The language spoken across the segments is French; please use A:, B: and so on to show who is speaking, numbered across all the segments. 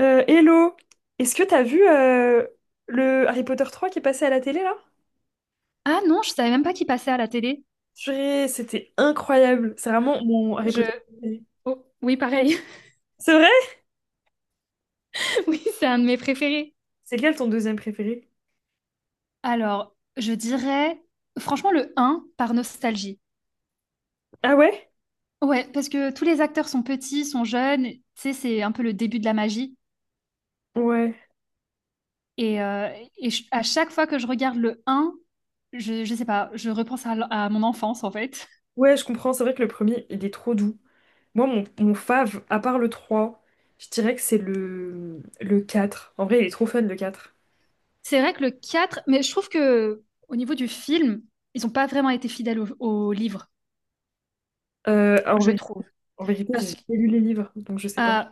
A: Hello, est-ce que t'as vu le Harry Potter 3 qui est passé à la télé là?
B: Ah non, je savais même pas qu'il passait à la télé.
A: Purée, c'était incroyable, c'est vraiment mon Harry
B: Je...
A: Potter préféré.
B: oh, oui, pareil.
A: C'est vrai?
B: Oui, c'est un de mes préférés.
A: C'est lequel ton deuxième préféré?
B: Alors, je dirais franchement le un par nostalgie.
A: Ah ouais?
B: Ouais, parce que tous les acteurs sont petits, sont jeunes, tu sais, c'est un peu le début de la magie.
A: Ouais.
B: Et, euh, et à chaque fois que je regarde le un, je sais pas, je repense à mon enfance en fait.
A: Ouais, je comprends, c'est vrai que le premier, il est trop doux. Moi, mon fave, à part le 3, je dirais que c'est le 4. En vrai, il est trop fun le 4.
B: C'est vrai que le 4, mais je trouve que au niveau du film, ils ont pas vraiment été fidèles au livre,
A: Euh, en
B: je
A: vérité,
B: trouve.
A: en vérité, j'ai
B: Parce que
A: jamais lu les livres, donc je sais pas.
B: Euh,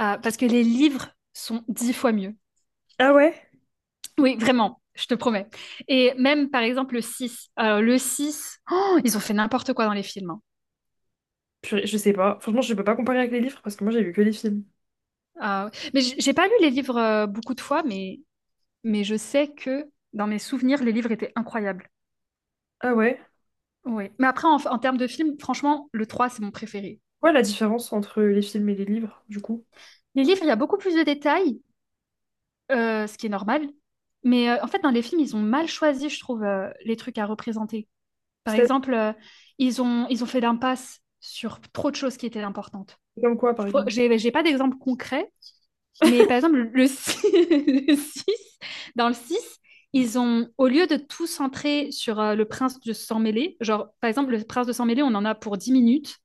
B: parce que les livres sont 10 fois mieux.
A: Ah ouais?
B: Oui, vraiment, je te promets. Et même, par exemple, le 6. Le 6, oh, ils ont fait n'importe quoi dans les films, hein.
A: Purée, je sais pas. Franchement, je peux pas comparer avec les livres parce que moi, j'ai vu que les films.
B: Mais j'ai pas lu les livres beaucoup de fois, mais je sais que dans mes souvenirs, les livres étaient incroyables.
A: Ah ouais?
B: Oui. Mais après, en termes de films, franchement, le 3 c'est mon préféré.
A: Ouais, la différence entre les films et les livres, du coup.
B: Les livres, il y a beaucoup plus de détails, ce qui est normal. Mais en fait, dans les films, ils ont mal choisi, je trouve, les trucs à représenter. Par
A: C'est
B: exemple, ils ont fait l'impasse sur trop de choses qui étaient importantes.
A: comme quoi, par exemple?
B: J'ai pas d'exemple concret, mais par exemple, le 6 le 6, dans le 6, ils ont, au lieu de tout centrer sur le prince de sang mêlé, genre, par exemple, le prince de sang mêlé, on en a pour 10 minutes,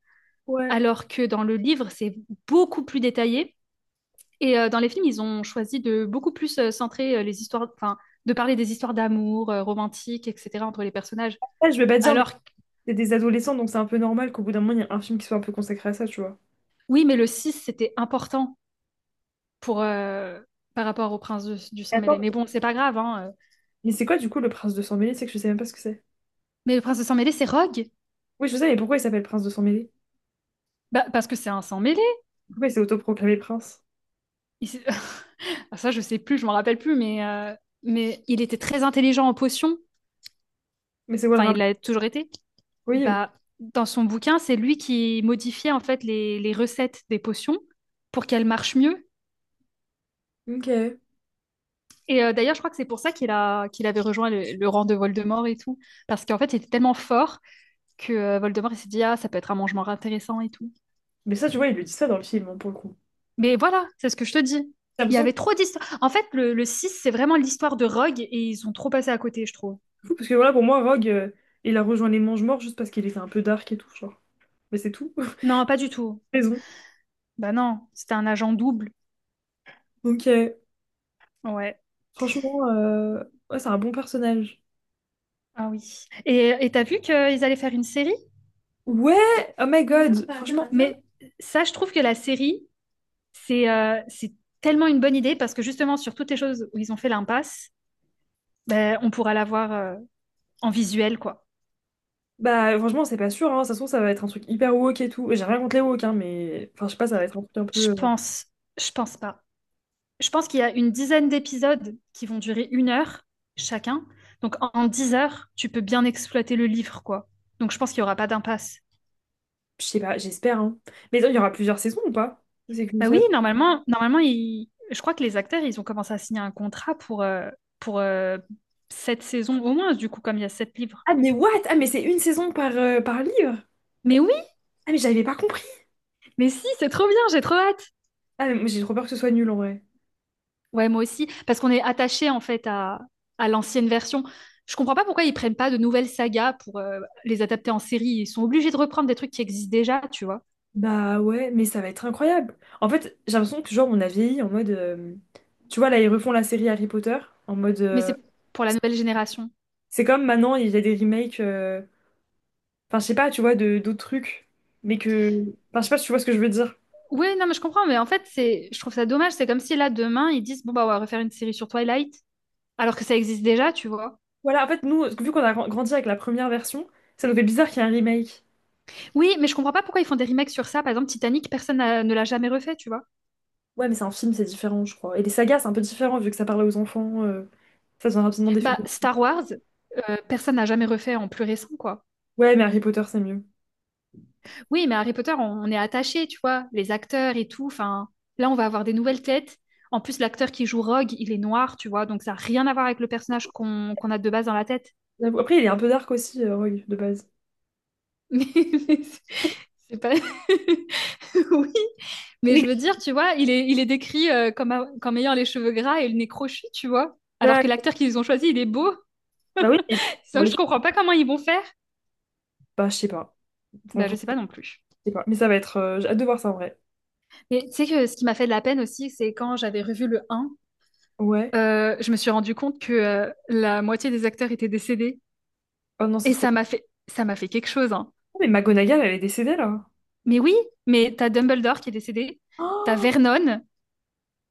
A: Ouais.
B: alors que dans le livre, c'est beaucoup plus détaillé. Et dans les films, ils ont choisi de beaucoup plus centrer les histoires, enfin, de parler des histoires d'amour, romantiques, etc., entre les personnages.
A: Ouais, je vais pas dire, mais
B: Alors,
A: c'est des adolescents, donc c'est un peu normal qu'au bout d'un moment, il y ait un film qui soit un peu consacré à ça, tu vois.
B: oui, mais le 6 c'était important pour, euh, par rapport au prince du
A: Et
B: sang mêlé.
A: attends,
B: Mais bon, c'est pas grave, hein.
A: mais c'est quoi, du coup, le prince de Sang-Mêlé? C'est que je sais même pas ce que c'est.
B: Mais le prince du sang mêlé, c'est Rogue.
A: Oui, je sais, mais pourquoi il s'appelle prince de Sang-Mêlé?
B: Bah, parce que c'est un sang mêlé.
A: Pourquoi il s'est autoproclamé prince?
B: Il s'est- Ah, ça, je sais plus, je m'en rappelle plus. Mais il était très intelligent en potions.
A: Mais c'est quoi le
B: Enfin, il
A: rapport?
B: l'a toujours été.
A: Oui,
B: Bah, dans son bouquin, c'est lui qui modifiait en fait les recettes des potions pour qu'elles marchent mieux.
A: oui. Ok.
B: Et d'ailleurs, je crois que c'est pour ça qu'il avait rejoint le rang de Voldemort et tout. Parce qu'en fait, il était tellement fort que Voldemort, il s'est dit, ah, ça peut être un mangement intéressant et tout.
A: Mais ça, tu vois, ils le disent ça dans le film, hein, pour le coup.
B: Mais voilà, c'est ce que je te dis.
A: J'ai
B: Il y
A: l'impression que
B: avait trop d'histoires. En fait, le 6, c'est vraiment l'histoire de Rogue et ils ont trop passé à côté, je trouve.
A: c'est fou, parce que voilà, pour moi, Rogue, il a rejoint les Mangemorts juste parce qu'il était un peu dark et tout, genre. Mais c'est tout.
B: Non, pas du tout.
A: Raison.
B: Bah non, c'était un agent double.
A: Donc,
B: Ouais.
A: franchement, ouais, c'est un bon personnage.
B: Ah oui. Et t'as vu qu'ils allaient faire une série?
A: Ouais, oh my god, franchement,
B: Mais ça, je trouve que la série, c'est tellement une bonne idée parce que justement, sur toutes les choses où ils ont fait l'impasse, ben, on pourra la voir en visuel, quoi.
A: bah franchement c'est pas sûr, hein. Ça se trouve ça va être un truc hyper woke et tout. J'ai rien contre les woke, hein, mais enfin je sais pas, ça va être un truc un
B: Je
A: peu,
B: pense. Je pense pas. Je pense qu'il y a une dizaine d'épisodes qui vont durer 1 heure chacun. Donc, en 10 heures, tu peux bien exploiter le livre, quoi. Donc je pense qu'il n'y aura pas d'impasse.
A: je sais pas, j'espère, hein. Mais attends, il y aura plusieurs saisons ou pas? Ou c'est qu'une
B: Bah oui,
A: seule?
B: normalement je crois que les acteurs, ils ont commencé à signer un contrat pour sept saisons au moins, du coup, comme il y a sept livres.
A: Ah mais what? Ah mais c'est une saison par par livre?
B: Mais oui,
A: Ah mais j'avais pas compris.
B: mais si, c'est trop bien, j'ai trop hâte.
A: Ah mais moi, j'ai trop peur que ce soit nul en vrai.
B: Ouais, moi aussi, parce qu'on est attaché en fait à l'ancienne version. Je comprends pas pourquoi ils prennent pas de nouvelles sagas pour les adapter en série. Ils sont obligés de reprendre des trucs qui existent déjà, tu vois.
A: Bah ouais, mais ça va être incroyable. En fait, j'ai l'impression que genre on a vieilli en mode, tu vois là ils refont la série Harry Potter en mode,
B: Mais c'est pour la nouvelle génération.
A: c'est comme maintenant il y a des remakes. Enfin, je sais pas, tu vois, de d'autres trucs. Mais que. Enfin, je sais pas si tu vois ce que je veux dire.
B: Oui, non, mais je comprends, mais en fait, je trouve ça dommage. C'est comme si là, demain, ils disent, bon, bah, on va refaire une série sur Twilight, alors que ça existe déjà, tu vois.
A: Voilà, en fait, nous, vu qu'on a grandi avec la première version, ça nous fait bizarre qu'il y ait un remake.
B: Oui, mais je comprends pas pourquoi ils font des remakes sur ça. Par exemple, Titanic, personne ne l'a jamais refait, tu vois.
A: Ouais, mais c'est un film, c'est différent, je crois. Et les sagas, c'est un peu différent, vu que ça parle aux enfants. Ça devient rapidement des films.
B: Bah, Star Wars, personne n'a jamais refait en plus récent, quoi.
A: Ouais, mais Harry Potter, c'est mieux.
B: Oui, mais Harry Potter, on est attaché, tu vois, les acteurs et tout. Enfin, là, on va avoir des nouvelles têtes. En plus, l'acteur qui joue Rogue, il est noir, tu vois, donc ça n'a rien à voir avec le personnage qu'on a de base dans la tête.
A: J'avoue. Après, il est un peu dark aussi, Rogue, de base.
B: Mais, mais c'est pas... Oui, mais
A: Oui.
B: je veux dire, tu vois, il est décrit comme ayant les cheveux gras et le nez crochu, tu vois. Alors
A: Ouais,
B: que l'acteur qu'ils ont choisi, il est beau.
A: bah oui, mais dans
B: Donc
A: les
B: je
A: films,
B: comprends pas comment ils vont faire.
A: bah, je sais pas. Bon,
B: Ben,
A: je
B: je sais pas non plus.
A: sais pas. Mais ça va être. J'ai hâte de voir ça en vrai.
B: Mais tu sais que ce qui m'a fait de la peine aussi, c'est quand j'avais revu le un,
A: Ouais.
B: je me suis rendu compte que la moitié des acteurs étaient décédés.
A: Oh non, c'est
B: Et
A: trop.
B: ça m'a fait quelque chose, hein.
A: Oh, mais McGonagall, elle est décédée, là.
B: Mais oui, mais t'as Dumbledore qui est décédé, t'as
A: Oh,
B: Vernon,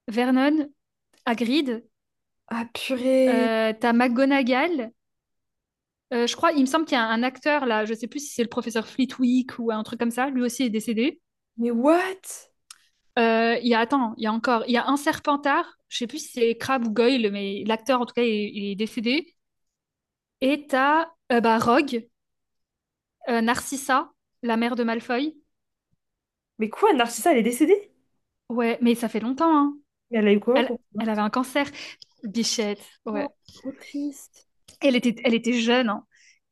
B: Vernon, Hagrid,
A: ah purée.
B: t'as McGonagall. Je crois, il me semble qu'il y a un acteur là, je sais plus si c'est le professeur Flitwick ou un truc comme ça, lui aussi est décédé.
A: Mais what?
B: Il y a, attends, il y a encore, il y a un Serpentard, je sais plus si c'est Crabbe ou Goyle, mais l'acteur en tout cas il est décédé. Et t'as bah, Rogue, Narcissa, la mère de Malfoy.
A: Mais quoi, Narcissa, elle est décédée?
B: Ouais, mais ça fait longtemps, hein.
A: Mais elle a eu quoi
B: Elle,
A: pour... vingt.
B: elle avait un cancer. Bichette,
A: Oh,
B: ouais.
A: trop triste.
B: Elle était jeune, hein.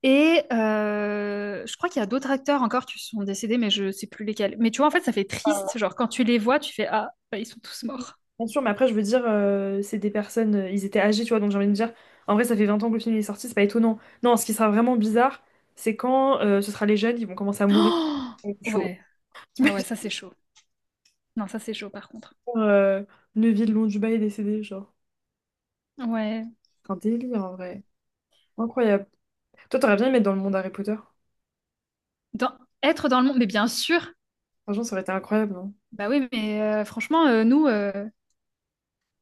B: Et je crois qu'il y a d'autres acteurs encore qui sont décédés, mais je sais plus lesquels. Mais tu vois, en fait, ça fait
A: Euh,
B: triste. Genre, quand tu les vois, tu fais ah, bah, ils sont tous morts.
A: Bien sûr, mais après, je veux dire, c'est des personnes, ils étaient âgés, tu vois, donc j'ai envie de dire, en vrai, ça fait 20 ans que le film est sorti, c'est pas étonnant. Non, ce qui sera vraiment bizarre, c'est quand ce sera les jeunes, ils vont commencer à mourir.
B: Oh,
A: Chaud.
B: ouais. Ah ouais,
A: T'imagines,
B: ça c'est chaud. Non, ça c'est chaud par contre.
A: euh, Neville Londubat est décédé, genre.
B: Ouais.
A: C'est un délire, en vrai. Incroyable. Toi, t'aurais bien aimé être dans le monde Harry Potter.
B: Dans- être dans le monde, mais bien sûr.
A: Franchement, ça aurait été incroyable, non?
B: Bah oui, mais franchement, nous,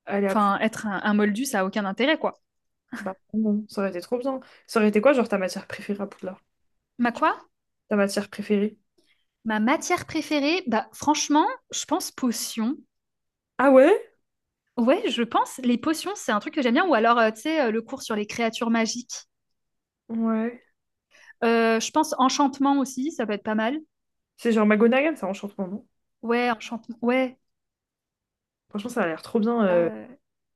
A: Aller à Poudlard.
B: enfin, être un moldu, ça a aucun intérêt, quoi.
A: Bah, non, ça aurait été trop bien. Ça aurait été quoi, genre, ta matière préférée à Poudlard?
B: Ma quoi?
A: Ta matière préférée?
B: Ma matière préférée, bah franchement, je pense potion.
A: Ah ouais?
B: Ouais, je pense. Les potions, c'est un truc que j'aime bien. Ou alors, tu sais, le cours sur les créatures magiques.
A: Ouais.
B: Je pense enchantement aussi, ça peut être pas mal.
A: C'est genre Magonagan, ça enchantement, non?
B: Ouais, enchantement. Ouais.
A: Franchement, ça a l'air trop bien.
B: ça,
A: euh.
B: euh,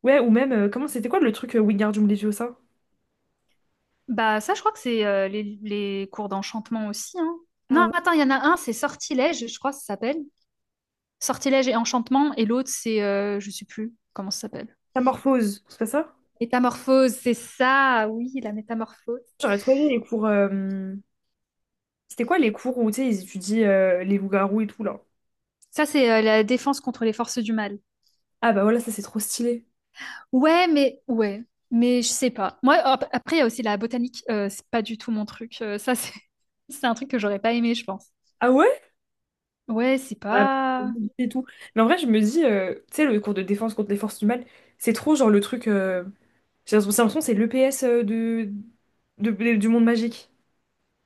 A: Ouais, ou même, comment c'était quoi le truc Wingardium Leviosa?
B: Bah, ça, je crois que c'est les cours d'enchantement aussi, hein.
A: Ah
B: Non,
A: ouais.
B: attends, il y en a un, c'est sortilège, je crois que ça s'appelle. Sortilège et enchantement. Et l'autre, je sais plus comment ça s'appelle.
A: Métamorphose, c'est pas ça?
B: Métamorphose, c'est ça. Oui, la métamorphose.
A: J'aurais trop aimé les cours. C'était quoi les cours où tu sais, ils étudient les loups-garous et tout là?
B: Ça, c'est la défense contre les forces du mal.
A: Ah bah voilà, ça c'est trop stylé.
B: Ouais, mais je sais pas. Moi, après, il y a aussi la botanique. C'est pas du tout mon truc. Ça, c'est c'est un truc que j'aurais pas aimé, je pense.
A: Ah ouais?
B: Ouais, c'est
A: Ouais.
B: pas.
A: Et tout. Mais en vrai, je me dis, tu sais, le cours de défense contre les forces du mal, c'est trop genre le truc. J'ai l'impression que c'est l'EPS du monde magique.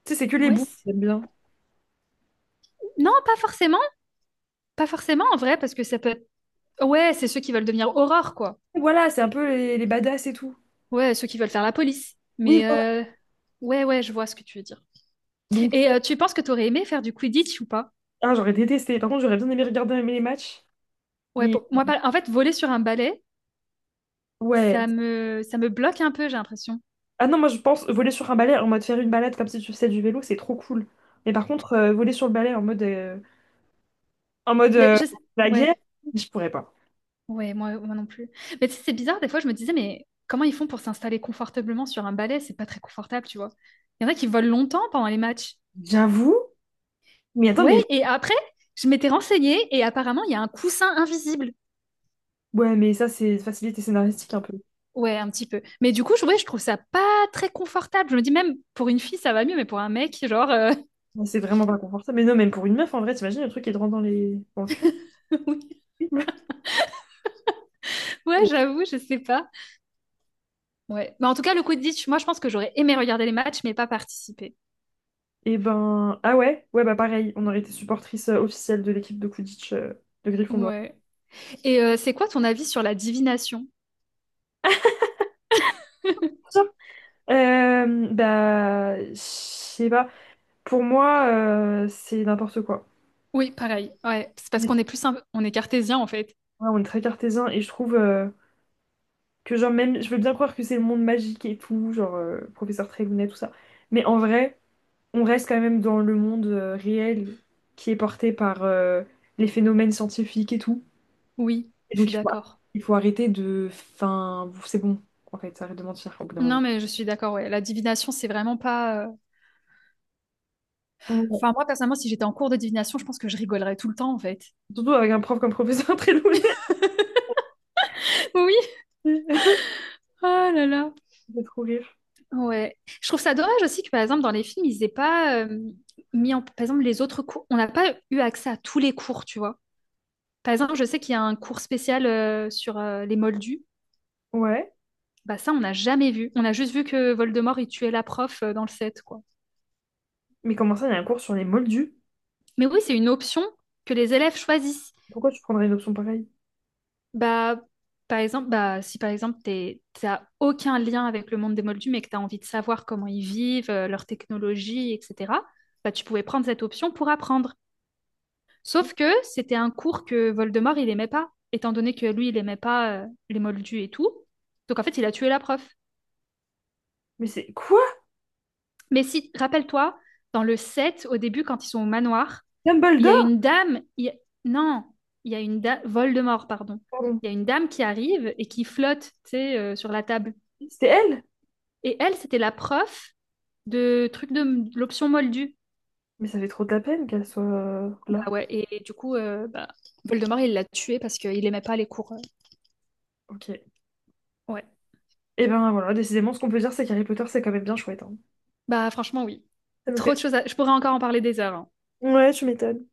A: Tu sais, c'est que les
B: Ouais.
A: boules, j'aime bien.
B: Non, pas forcément. Pas forcément en vrai, parce que ça peut être. Ouais, c'est ceux qui veulent devenir horreur, quoi.
A: Voilà, c'est un peu les badass et tout.
B: Ouais, ceux qui veulent faire la police.
A: Oui.
B: Mais ouais, ouais, je vois ce que tu veux dire.
A: Donc,
B: Et tu penses que t'aurais aimé faire du Quidditch ou pas?
A: ah, j'aurais détesté. Par contre, j'aurais bien aimé regarder même les matchs.
B: Ouais,
A: Mais
B: moi, pas, en fait, voler sur un balai,
A: ouais.
B: ça me bloque un peu, j'ai l'impression.
A: Ah non, moi je pense voler sur un balai en mode faire une balade comme si tu faisais du vélo, c'est trop cool. Mais par contre, voler sur le balai en mode, en mode euh, la guerre,
B: Ouais.
A: je pourrais pas.
B: Ouais, moi, moi non plus. Mais tu sais, c'est bizarre, des fois, je me disais, mais comment ils font pour s'installer confortablement sur un balai? C'est pas très confortable, tu vois. Il y en a qui volent longtemps pendant les matchs.
A: J'avoue. Mais attends,
B: Ouais,
A: mais
B: et après, je m'étais renseignée et apparemment, il y a un coussin invisible.
A: ouais, mais ça c'est facilité scénaristique un peu.
B: Ouais, un petit peu. Mais du coup, ouais, je trouve ça pas très confortable. Je me dis même, pour une fille, ça va mieux, mais pour un mec, genre,
A: Ouais, c'est vraiment pas confortable. Mais non, même pour une meuf, en vrai, t'imagines le truc qui te rentre dans le fion?
B: oui. Ouais, j'avoue, je sais pas. Ouais. Mais en tout cas, le Quidditch, moi, je pense que j'aurais aimé regarder les matchs, mais pas participer.
A: Et ben, ah ouais, ouais, bah pareil, on aurait été supportrice officielle de l'équipe de Quidditch de Gryffondor.
B: Ouais. Et c'est quoi ton avis sur la divination?
A: Bah, je sais pas. Pour moi, c'est n'importe quoi.
B: Oui, pareil. Ouais, c'est parce
A: Ouais,
B: qu'on est plus on est cartésien en fait.
A: on est très cartésien et je trouve que, genre, même, je veux bien croire que c'est le monde magique et tout, genre, professeur Trélounet, tout ça. Mais en vrai, on reste quand même dans le monde réel qui est porté par les phénomènes scientifiques et tout.
B: Oui,
A: Et
B: je suis
A: donc, il faut,
B: d'accord.
A: il faut arrêter de. Enfin, c'est bon, en fait, arrête de mentir au bout d'un moment.
B: Non, mais je suis d'accord, ouais. La divination, c'est vraiment pas.
A: Ouais.
B: Enfin, moi, personnellement, si j'étais en cours de divination, je pense que je rigolerais tout le temps, en fait.
A: Surtout avec un prof comme professeur Trélounet.
B: Oui,
A: Ça
B: oh là là.
A: fait trop rire.
B: Ouais. Je trouve ça dommage aussi que, par exemple, dans les films, ils aient pas mis en. Par exemple, les autres cours. On n'a pas eu accès à tous les cours, tu vois. Par exemple, je sais qu'il y a un cours spécial sur les moldus.
A: Ouais.
B: Bah ça, on n'a jamais vu. On a juste vu que Voldemort, il tuait la prof dans le set, quoi.
A: Mais comment ça, il y a un cours sur les moldus?
B: Mais oui, c'est une option que les élèves choisissent.
A: Pourquoi tu prendrais une option pareille?
B: Bah, par exemple, bah, si par exemple, t'as aucun lien avec le monde des moldus, mais que tu as envie de savoir comment ils vivent, leur technologie, etc., bah, tu pouvais prendre cette option pour apprendre. Sauf que c'était un cours que Voldemort, il aimait pas, étant donné que lui, il aimait pas les moldus et tout. Donc en fait, il a tué la prof.
A: Mais c'est quoi?
B: Mais si, rappelle-toi, dans le 7, au début, quand ils sont au manoir, il y a
A: Dumbledore?
B: une dame. Non, il y a une dame. Voldemort, pardon.
A: Pardon.
B: Il y a une dame qui arrive et qui flotte, tu sais, sur la table.
A: C'était elle?
B: Et elle, c'était la prof de truc de l'option Moldu.
A: Mais ça fait trop de la peine qu'elle soit
B: Bah
A: là.
B: ouais, et du coup, bah, Voldemort, il l'a tuée parce qu'il aimait pas les cours.
A: Ok.
B: Ouais.
A: Et ben voilà, décidément, ce qu'on peut dire, c'est qu'Harry Potter, c'est quand même bien chouette, hein.
B: Bah franchement, oui.
A: Ça nous
B: Trop de
A: fait.
B: choses Je pourrais encore en parler des heures, hein.
A: Ouais, tu m'étonnes.